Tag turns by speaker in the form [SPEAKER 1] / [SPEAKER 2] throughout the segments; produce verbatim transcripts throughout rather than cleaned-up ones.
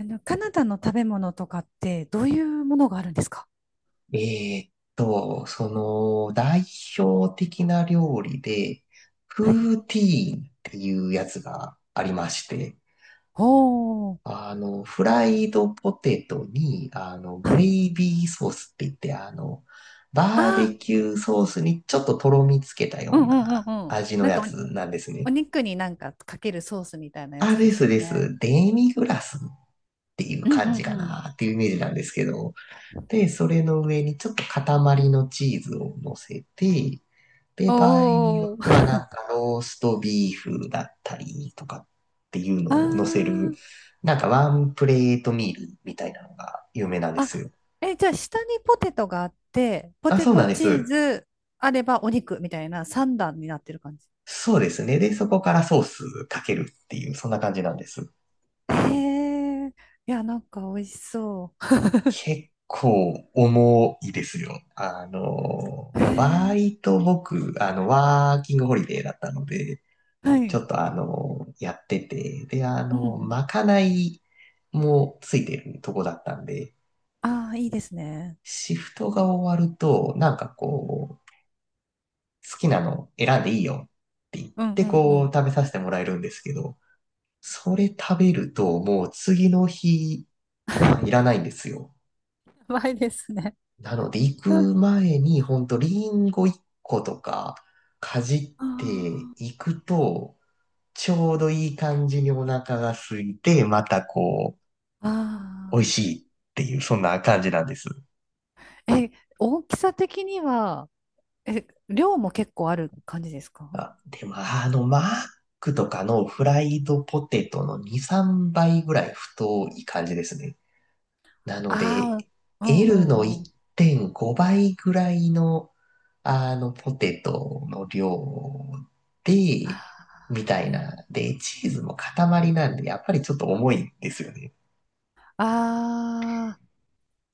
[SPEAKER 1] あの、カナダの食べ物とかってどういうものがあるんですか？
[SPEAKER 2] えーっと、その、代表的な料理で、
[SPEAKER 1] はい。
[SPEAKER 2] プーティーンっていうやつがありまして、
[SPEAKER 1] おー。
[SPEAKER 2] あの、フライドポテトに、あの、グ
[SPEAKER 1] は
[SPEAKER 2] レ
[SPEAKER 1] い。
[SPEAKER 2] イビーソースって言って、あの、
[SPEAKER 1] あ
[SPEAKER 2] バー
[SPEAKER 1] あ、
[SPEAKER 2] ベキューソースにちょっととろみつけた
[SPEAKER 1] う
[SPEAKER 2] よう
[SPEAKER 1] んう
[SPEAKER 2] な
[SPEAKER 1] んうんうん。
[SPEAKER 2] 味の
[SPEAKER 1] なん
[SPEAKER 2] や
[SPEAKER 1] か
[SPEAKER 2] つなんです
[SPEAKER 1] お、
[SPEAKER 2] ね。
[SPEAKER 1] お肉になんかかけるソースみたいなや
[SPEAKER 2] あ、
[SPEAKER 1] つで
[SPEAKER 2] で
[SPEAKER 1] す
[SPEAKER 2] す
[SPEAKER 1] よ
[SPEAKER 2] で
[SPEAKER 1] ね。
[SPEAKER 2] す。デミグラスっていう
[SPEAKER 1] うん
[SPEAKER 2] 感
[SPEAKER 1] う
[SPEAKER 2] じ
[SPEAKER 1] ん
[SPEAKER 2] か
[SPEAKER 1] うん。
[SPEAKER 2] なっていうイメージなんですけど、で、それの上にちょっと塊のチーズを乗せて、で、
[SPEAKER 1] お
[SPEAKER 2] 場合によって
[SPEAKER 1] お。
[SPEAKER 2] はなんかローストビーフだったりとかっていう のを乗せ
[SPEAKER 1] あ
[SPEAKER 2] る、なんかワンプレートミールみたいなのが有名なんで
[SPEAKER 1] あ。
[SPEAKER 2] す
[SPEAKER 1] あ、
[SPEAKER 2] よ。
[SPEAKER 1] え、じゃあ下にポテトがあって、ポ
[SPEAKER 2] あ、
[SPEAKER 1] テ
[SPEAKER 2] そうな
[SPEAKER 1] ト
[SPEAKER 2] んで
[SPEAKER 1] チー
[SPEAKER 2] す。
[SPEAKER 1] ズあればお肉みたいな三段になってる感じ。
[SPEAKER 2] そうですね。で、そこからソースかけるっていう、そんな感じなんです。
[SPEAKER 1] へえ。いや、なんか美味しそ
[SPEAKER 2] 結構重いですよ。あの、
[SPEAKER 1] う。へえ。
[SPEAKER 2] バイト僕、あの、ワーキングホリデーだったので、
[SPEAKER 1] は
[SPEAKER 2] ちょ
[SPEAKER 1] い。
[SPEAKER 2] っとあの、やってて、で、あ
[SPEAKER 1] うんう
[SPEAKER 2] の、
[SPEAKER 1] ん。
[SPEAKER 2] まかないもついてるとこだったんで、
[SPEAKER 1] ああ、いいですね。
[SPEAKER 2] シフトが終わると、なんかこう、好きなの選んでいいよって言っ
[SPEAKER 1] うん
[SPEAKER 2] て
[SPEAKER 1] うんう
[SPEAKER 2] こう、
[SPEAKER 1] ん。
[SPEAKER 2] 食べさせてもらえるんですけど、それ食べるともう次の日、ご飯い らないんですよ。
[SPEAKER 1] やばいですね。
[SPEAKER 2] なので、行く 前に、ほんと、リンゴいっことか、かじって
[SPEAKER 1] あ
[SPEAKER 2] いくと、ちょうどいい感じにお腹が空いて、またこう、美味
[SPEAKER 1] あ
[SPEAKER 2] しいっていう、そんな感じなんです。
[SPEAKER 1] ー。え、大きさ的には、え、量も結構ある感じですか？
[SPEAKER 2] あ、でも、あの、マックとかのフライドポテトのに、さんばいぐらい太い感じですね。なので、
[SPEAKER 1] ああー、うんう
[SPEAKER 2] L の
[SPEAKER 1] んうん。
[SPEAKER 2] いってんごばいぐらいの、あの、ポテトの量で、
[SPEAKER 1] あ
[SPEAKER 2] みた
[SPEAKER 1] ー、
[SPEAKER 2] い
[SPEAKER 1] う
[SPEAKER 2] な。
[SPEAKER 1] ん。
[SPEAKER 2] で、チーズも塊なんで、やっぱりちょっと重いんですよね。
[SPEAKER 1] あ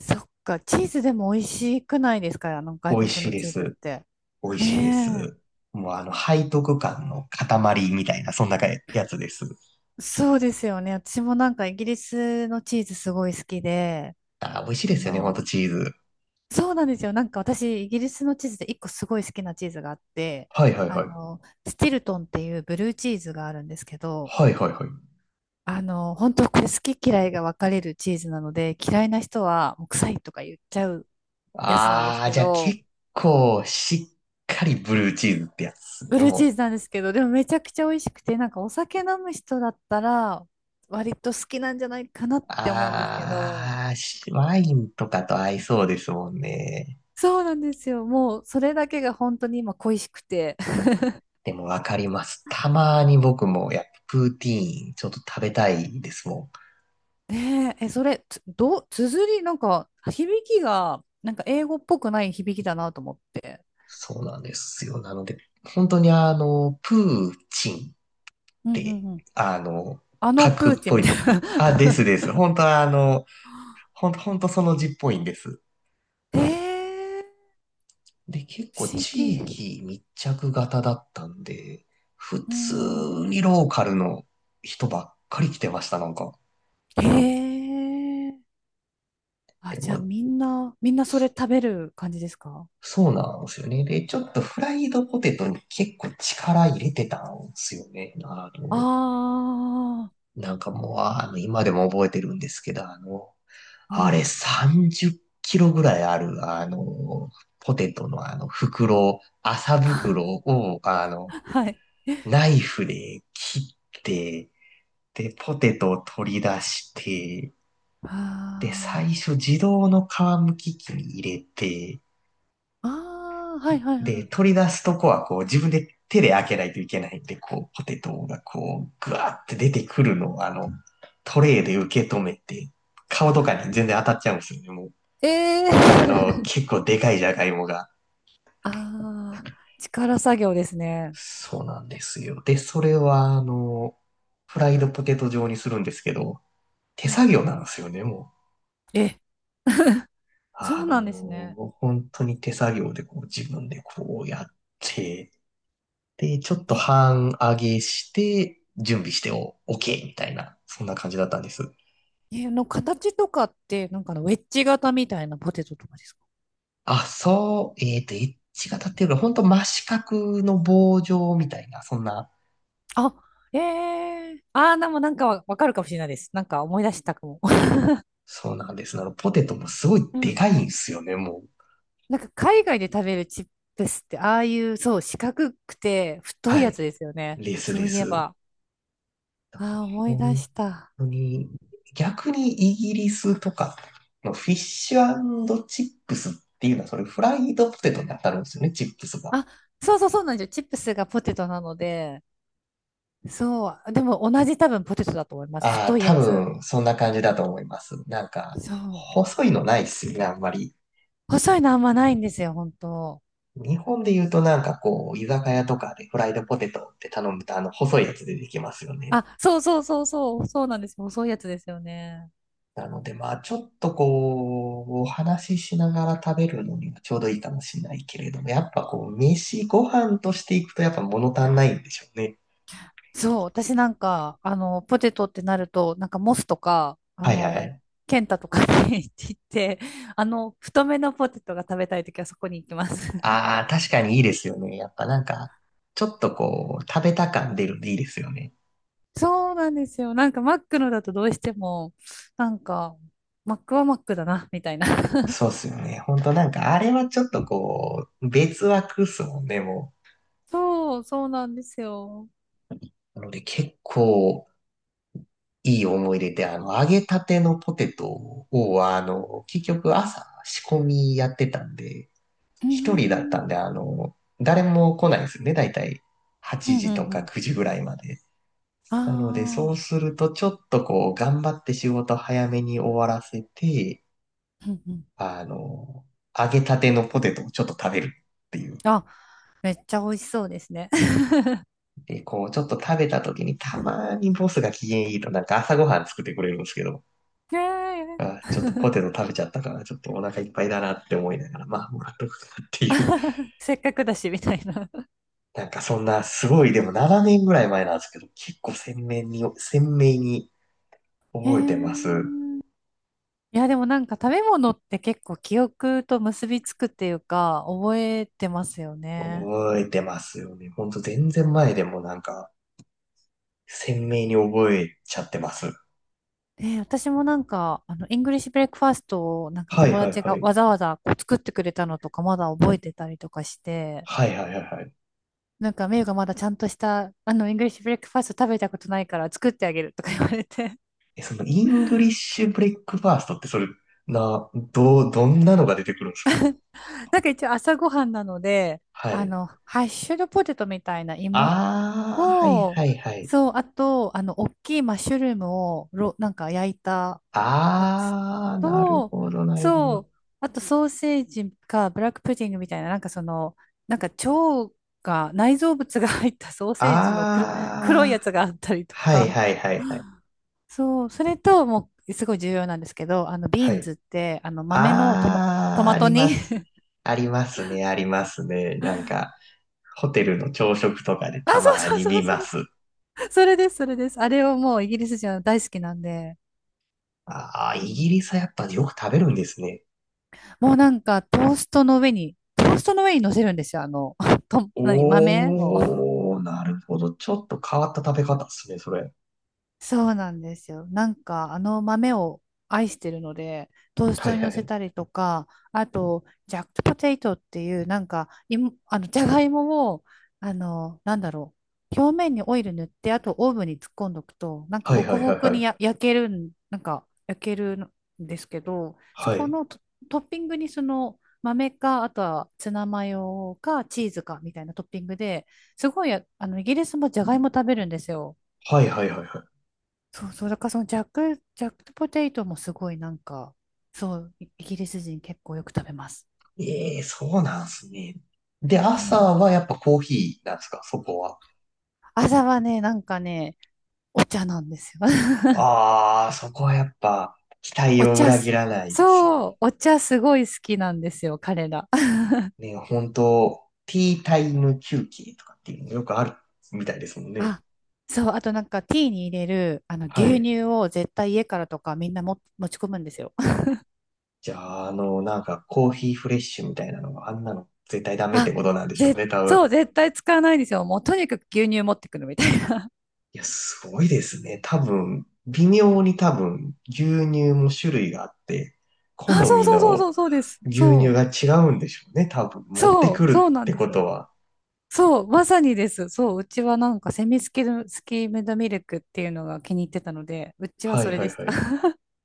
[SPEAKER 1] ー、そっか。チーズでも美味しくないですか、あの
[SPEAKER 2] 美
[SPEAKER 1] 外
[SPEAKER 2] 味し
[SPEAKER 1] 国
[SPEAKER 2] い
[SPEAKER 1] の
[SPEAKER 2] で
[SPEAKER 1] チーズっ
[SPEAKER 2] す。
[SPEAKER 1] て。
[SPEAKER 2] 美味しいです。
[SPEAKER 1] ね
[SPEAKER 2] もうあの、背徳感の塊みたいな、そんなやつです。
[SPEAKER 1] え。そうですよね。私もなんかイギリスのチーズすごい好きで、
[SPEAKER 2] あー、美味しい
[SPEAKER 1] あ
[SPEAKER 2] ですよね、ほんと
[SPEAKER 1] の、
[SPEAKER 2] チーズ。
[SPEAKER 1] そうなんですよ。なんか私、イギリスのチーズで一個すごい好きなチーズがあって、
[SPEAKER 2] はいはい
[SPEAKER 1] あ
[SPEAKER 2] はい。
[SPEAKER 1] の、スティルトンっていうブルーチーズがあるんですけど、
[SPEAKER 2] はいはいはい。
[SPEAKER 1] あの、本当これ好き嫌いが分かれるチーズなので、嫌いな人はもう臭いとか言っちゃうやつなんです
[SPEAKER 2] ああ、
[SPEAKER 1] け
[SPEAKER 2] じゃあ
[SPEAKER 1] ど、
[SPEAKER 2] 結構しっかりブルーチーズってやつです
[SPEAKER 1] ブ
[SPEAKER 2] ね、
[SPEAKER 1] ルーチー
[SPEAKER 2] もう。
[SPEAKER 1] ズなんですけど、でもめちゃくちゃ美味しくて、なんかお酒飲む人だったら、割と好きなんじゃないかなって思うんですけど、
[SPEAKER 2] ああ、しワインとかと合いそうですもんね。
[SPEAKER 1] そうなんですよ。もうそれだけが本当に今恋しくて。
[SPEAKER 2] でもわかります。たまに僕もやっぱプーティーンちょっと食べたいですもん。
[SPEAKER 1] ねえ、え、それ、つ、どう、綴り、なんか、響きが、なんか英語っぽくない響きだなと思って。
[SPEAKER 2] そうなんですよ。なので、本当にあの、プーチンっ
[SPEAKER 1] うんう
[SPEAKER 2] て、
[SPEAKER 1] んうん。
[SPEAKER 2] あの、
[SPEAKER 1] あの
[SPEAKER 2] 核
[SPEAKER 1] プ
[SPEAKER 2] っ
[SPEAKER 1] ーチン
[SPEAKER 2] ぽい
[SPEAKER 1] みた
[SPEAKER 2] で。
[SPEAKER 1] い
[SPEAKER 2] あ、です
[SPEAKER 1] な。
[SPEAKER 2] です。本当はあの、本当本当その字っぽいんです。
[SPEAKER 1] えー、
[SPEAKER 2] で、結
[SPEAKER 1] 不
[SPEAKER 2] 構
[SPEAKER 1] 思
[SPEAKER 2] 地
[SPEAKER 1] 議。
[SPEAKER 2] 域密着型だったんで、普
[SPEAKER 1] う
[SPEAKER 2] 通
[SPEAKER 1] ん。
[SPEAKER 2] にローカルの人ばっかり来てました、なんか。
[SPEAKER 1] へえ。あ、
[SPEAKER 2] で
[SPEAKER 1] じゃあ
[SPEAKER 2] も、
[SPEAKER 1] みんな、みんなそれ食べる感じですか？
[SPEAKER 2] そうなんですよね。で、ちょっとフライドポテトに結構力入れてたんですよね。あの、
[SPEAKER 1] ああ
[SPEAKER 2] なんかもう、あの、今でも覚えてるんですけど、あの、
[SPEAKER 1] ー、うんう
[SPEAKER 2] あれ
[SPEAKER 1] ん。
[SPEAKER 2] さんじゅっキロぐらいある、あの、ポテトのあの袋、麻袋を、あの、
[SPEAKER 1] はい。
[SPEAKER 2] ナイフで切って、で、ポテトを取り出して、で、
[SPEAKER 1] あ
[SPEAKER 2] 最初自動の皮むき器に入れて、
[SPEAKER 1] あ、ああはいはい
[SPEAKER 2] で、
[SPEAKER 1] は
[SPEAKER 2] 取り出すとこはこう自分で手で開けないといけないんで、こう、ポテトがこう、ぐわーって出てくるのを、あの、トレイで受け止めて、顔とかに全然当たっちゃうんですよね、もう。
[SPEAKER 1] い。ええ
[SPEAKER 2] あの、
[SPEAKER 1] ー。
[SPEAKER 2] 結構でかいじゃがいもが。
[SPEAKER 1] ああ、力作業ですね。
[SPEAKER 2] そうなんですよ。で、それは、あの、フライドポテト状にするんですけど、手
[SPEAKER 1] うん
[SPEAKER 2] 作
[SPEAKER 1] う
[SPEAKER 2] 業
[SPEAKER 1] んう
[SPEAKER 2] なんで
[SPEAKER 1] ん。
[SPEAKER 2] すよね、も
[SPEAKER 1] え、そ
[SPEAKER 2] あ
[SPEAKER 1] うな
[SPEAKER 2] の
[SPEAKER 1] んですね。
[SPEAKER 2] ー本当に手作業でこう自分でこうやって、で、ちょっと
[SPEAKER 1] え、
[SPEAKER 2] 半上げして、準備してお、OK みたいな、そんな感じだったんです。
[SPEAKER 1] え、あの形とかって、なんかあのウェッジ型みたいなポテトとかですか？
[SPEAKER 2] あ、そう、えっと、エッジが立ってるから、本当真四角の棒状みたいな、そんな、
[SPEAKER 1] あ、ええ。ああー、でもなんかわわかるかもしれないです。なんか思い出したかも。
[SPEAKER 2] そうなんです。あの、ポテトもすごい
[SPEAKER 1] う
[SPEAKER 2] でか
[SPEAKER 1] ん。
[SPEAKER 2] いんですよね、もう。
[SPEAKER 1] なんか海外で食べるチップスって、ああいう、そう、四角くて太い
[SPEAKER 2] は
[SPEAKER 1] やつ
[SPEAKER 2] い。
[SPEAKER 1] ですよね、
[SPEAKER 2] レス
[SPEAKER 1] そ
[SPEAKER 2] レ
[SPEAKER 1] ういえ
[SPEAKER 2] ス。
[SPEAKER 1] ば。ああ、思い
[SPEAKER 2] 本
[SPEAKER 1] 出
[SPEAKER 2] 本
[SPEAKER 1] した。
[SPEAKER 2] 当に、逆にイギリスとかのフィッシュチップスっていうのは、それフライドポテトに当たるんですよね、チップスが。
[SPEAKER 1] あ、そうそうそうなんですよ。チップスがポテトなので、そう。でも同じ多分ポテトだと思います、
[SPEAKER 2] あ
[SPEAKER 1] 太
[SPEAKER 2] あ、
[SPEAKER 1] いや
[SPEAKER 2] 多
[SPEAKER 1] つ。
[SPEAKER 2] 分、そんな感じだと思います。なんか、
[SPEAKER 1] そう。
[SPEAKER 2] 細いのないっすよね、あんまり。
[SPEAKER 1] 細いのあんまないんですよ、本当。
[SPEAKER 2] 日本で言うとなんかこう、居酒屋とかでフライドポテトって頼むと、あの、細いやつ出てきますよね。
[SPEAKER 1] あ、そうそうそうそう、そうなんですよ。細いやつですよね。
[SPEAKER 2] なので、まあ、ちょっとこう、お話ししながら食べるのにはちょうどいいかもしれないけれども、やっぱこう、飯、ご飯としていくとやっぱ物足んないんでしょうね。
[SPEAKER 1] そう、私なんか、あの、ポテトってなると、なんかモスとか、あ
[SPEAKER 2] はいはいは
[SPEAKER 1] の、
[SPEAKER 2] い。
[SPEAKER 1] ケンタとかに 行って、あの、太めのポテトが食べたいときはそこに行きます。
[SPEAKER 2] ああ、確かにいいですよね。やっぱなんか、ちょっとこう、食べた感出るんでいいですよね。
[SPEAKER 1] そうなんですよ。なんかマックのだとどうしても、なんか、マックはマックだな、みたいな。
[SPEAKER 2] そうっすよね。ほんとなんか、あれはちょっとこう、別枠っすもんね、も
[SPEAKER 1] そう、そうなんですよ。
[SPEAKER 2] う。なので結構、いい思い出で、あの、揚げたてのポテトを、あの、結局朝仕込みやってたんで、
[SPEAKER 1] うー
[SPEAKER 2] 一人だった
[SPEAKER 1] ん、
[SPEAKER 2] んで、あの、誰も来ないんですよね。だいたい
[SPEAKER 1] う
[SPEAKER 2] 8
[SPEAKER 1] ん、う
[SPEAKER 2] 時と
[SPEAKER 1] ん、う
[SPEAKER 2] か
[SPEAKER 1] ん。
[SPEAKER 2] くじぐらいまで。
[SPEAKER 1] あ
[SPEAKER 2] なので、そう
[SPEAKER 1] あ、
[SPEAKER 2] すると、ちょっとこう、頑張って仕事早めに終わらせて、
[SPEAKER 1] うん、うん。
[SPEAKER 2] あの、揚げたてのポテトをちょっと食べるっていう。
[SPEAKER 1] あ、めっちゃ美味しそうですね。
[SPEAKER 2] で、こう、ちょっと食べた時に、たまにボスが機嫌いいと、なんか朝ごはん作ってくれるんですけど、
[SPEAKER 1] ねえ。
[SPEAKER 2] あ、ちょっとポテト食べちゃったから、ちょっとお腹いっぱいだなって思いながら、まあ、もらっとくかっていう。
[SPEAKER 1] せっかくだし、みたいな。
[SPEAKER 2] なんかそんな、すごい、でもななねんぐらい前なんですけど、結構鮮明に、鮮明に
[SPEAKER 1] へ
[SPEAKER 2] 覚えてます。
[SPEAKER 1] ー。いや、でもなんか食べ物って結構記憶と結びつくっていうか、覚えてますよね。
[SPEAKER 2] 覚えてますよね。ほんと全然前でもなんか、鮮明に覚えちゃってます。
[SPEAKER 1] で、私もなんか、あの、イングリッシュブレックファーストをなんか
[SPEAKER 2] はい
[SPEAKER 1] 友
[SPEAKER 2] はい
[SPEAKER 1] 達
[SPEAKER 2] は
[SPEAKER 1] が
[SPEAKER 2] い。
[SPEAKER 1] わざわざこう作ってくれたのとかまだ覚えてたりとかして、
[SPEAKER 2] はいはいはいはい。
[SPEAKER 1] なんか、メイがまだちゃんとした、あの、イングリッシュブレックファースト食べたことないから作ってあげるとか言われて。
[SPEAKER 2] え、そのイングリッシュブレックファーストってそれ、な、どう、どんなのが出てくるんです
[SPEAKER 1] なんか一応朝ごはんなので、
[SPEAKER 2] か？は
[SPEAKER 1] あ
[SPEAKER 2] い。
[SPEAKER 1] の、ハッシュドポテトみたいな芋
[SPEAKER 2] あー、はい
[SPEAKER 1] を、
[SPEAKER 2] はいはい。
[SPEAKER 1] そう、あと、あの、大きいマッシュルームを、ろ、なんか焼いたやつ
[SPEAKER 2] あー、なる
[SPEAKER 1] と、
[SPEAKER 2] ほどなるほ
[SPEAKER 1] そ
[SPEAKER 2] ど。
[SPEAKER 1] う、あとソーセージかブラックプディングみたいな、なんかその、なんか腸が、内臓物が入った ソーセージのく黒い
[SPEAKER 2] あ
[SPEAKER 1] や
[SPEAKER 2] ー、
[SPEAKER 1] つがあったりと
[SPEAKER 2] はい
[SPEAKER 1] か、
[SPEAKER 2] はいはいはい。
[SPEAKER 1] そう、それと、もう、すごい重要なんですけど、あの、ビ
[SPEAKER 2] は
[SPEAKER 1] ーン
[SPEAKER 2] い。
[SPEAKER 1] ズって、あの、豆のトマ、ト
[SPEAKER 2] あー、
[SPEAKER 1] マ
[SPEAKER 2] あ
[SPEAKER 1] ト
[SPEAKER 2] り
[SPEAKER 1] 煮。
[SPEAKER 2] ます。ありますね、ありますね。なんか、ホテルの朝食とかで
[SPEAKER 1] あ、
[SPEAKER 2] た
[SPEAKER 1] そう
[SPEAKER 2] ま
[SPEAKER 1] そう
[SPEAKER 2] に
[SPEAKER 1] そ
[SPEAKER 2] 見
[SPEAKER 1] う
[SPEAKER 2] ま
[SPEAKER 1] そう
[SPEAKER 2] す。
[SPEAKER 1] そう、それです、それです。あれをもうイギリス人は大好きなんで、
[SPEAKER 2] あ
[SPEAKER 1] う
[SPEAKER 2] ー、イギ
[SPEAKER 1] ん。
[SPEAKER 2] リスはやっぱよく食べるんですね。
[SPEAKER 1] もうなんか、トーストの上に、トーストの上に乗せるんですよ。あの、と、何、豆を。
[SPEAKER 2] おー、なるほど。ちょっと変わった食べ方ですね、それ。
[SPEAKER 1] そうなんですよ。なんかあの豆を愛してるので、トース
[SPEAKER 2] はい
[SPEAKER 1] トに
[SPEAKER 2] は
[SPEAKER 1] 乗せ
[SPEAKER 2] い。
[SPEAKER 1] たりとか、あと、ジャックポテイトっていう、なんか、いもあの、じゃがいもを、あの、なんだろう、表面にオイル塗って、あとオーブンに突っ込んどくと、なんか
[SPEAKER 2] はい
[SPEAKER 1] ホク
[SPEAKER 2] はい
[SPEAKER 1] ホ
[SPEAKER 2] はい
[SPEAKER 1] ク
[SPEAKER 2] は
[SPEAKER 1] に
[SPEAKER 2] い。
[SPEAKER 1] や焼けるん、なんか焼けるんですけど、そ
[SPEAKER 2] は
[SPEAKER 1] こ
[SPEAKER 2] い。
[SPEAKER 1] のト、トッピングにその豆か、あとはツナマヨかチーズかみたいなトッピングで、すごい、あの、イギリスもじゃがいも食べるんですよ。
[SPEAKER 2] はいはいはいは
[SPEAKER 1] そうそう、だからそのジャック、ジャックポテトもすごいなんか、そう、イイギリス人結構よく食べます。
[SPEAKER 2] い。ええー、そうなんすね。で、
[SPEAKER 1] う
[SPEAKER 2] 朝
[SPEAKER 1] ん。
[SPEAKER 2] はやっぱコーヒーなんですか、そこは？
[SPEAKER 1] 朝はね、なんかね、お茶なんですよ。
[SPEAKER 2] ああ、そこはやっぱ期待
[SPEAKER 1] お
[SPEAKER 2] を
[SPEAKER 1] 茶
[SPEAKER 2] 裏切
[SPEAKER 1] す、
[SPEAKER 2] らないですね。
[SPEAKER 1] そう、お茶すごい好きなんですよ、彼ら。
[SPEAKER 2] ね、本当ティータイム休憩とかっていうのよくあるみたいですもんね。
[SPEAKER 1] あ、そう、あとなんかティーに入れる、あの、
[SPEAKER 2] は
[SPEAKER 1] 牛
[SPEAKER 2] い。
[SPEAKER 1] 乳を絶対家からとかみんなも持ち込むんですよ。
[SPEAKER 2] じゃあ、あの、なんかコーヒーフレッシュみたいなのがあんなの絶対ダメって
[SPEAKER 1] あ、
[SPEAKER 2] ことなんでしょう
[SPEAKER 1] ぜ、
[SPEAKER 2] ね、多分。
[SPEAKER 1] そう、絶対使わないんですよ。もうとにかく牛乳持ってくるみたいな。
[SPEAKER 2] いや、すごいですね。多分、微妙に多分、牛乳も種類があって、好
[SPEAKER 1] あ、そう
[SPEAKER 2] み
[SPEAKER 1] そうそうそ
[SPEAKER 2] の
[SPEAKER 1] う、そうです。
[SPEAKER 2] 牛乳
[SPEAKER 1] そ
[SPEAKER 2] が
[SPEAKER 1] う、
[SPEAKER 2] 違うんでしょうね。多分、持って
[SPEAKER 1] そ
[SPEAKER 2] く
[SPEAKER 1] う、そう
[SPEAKER 2] るっ
[SPEAKER 1] なん
[SPEAKER 2] て
[SPEAKER 1] で
[SPEAKER 2] こと
[SPEAKER 1] す。
[SPEAKER 2] は。
[SPEAKER 1] そう、まさにです。そう、うちはなんかセミスキル、スキームドミルクっていうのが気に入ってたので、うちは
[SPEAKER 2] は
[SPEAKER 1] そ
[SPEAKER 2] い
[SPEAKER 1] れ
[SPEAKER 2] は
[SPEAKER 1] で
[SPEAKER 2] い
[SPEAKER 1] し
[SPEAKER 2] は
[SPEAKER 1] た。
[SPEAKER 2] い。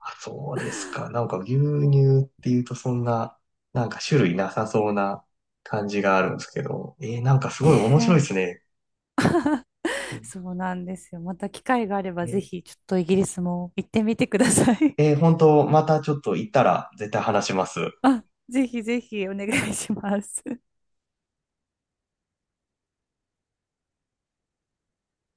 [SPEAKER 2] あ、そうですか。なんか牛乳っていうとそんな、なんか種類なさそうな感じがあるんですけど。えー、なんかす ごい面白いで
[SPEAKER 1] ね
[SPEAKER 2] すね。え
[SPEAKER 1] え。そうなんですよ。また機会があればぜ
[SPEAKER 2] ー、
[SPEAKER 1] ひちょっとイギリスも行ってみてください。
[SPEAKER 2] えー本当またちょっと行ったら絶対話します。
[SPEAKER 1] あ、ぜひぜひお願いします。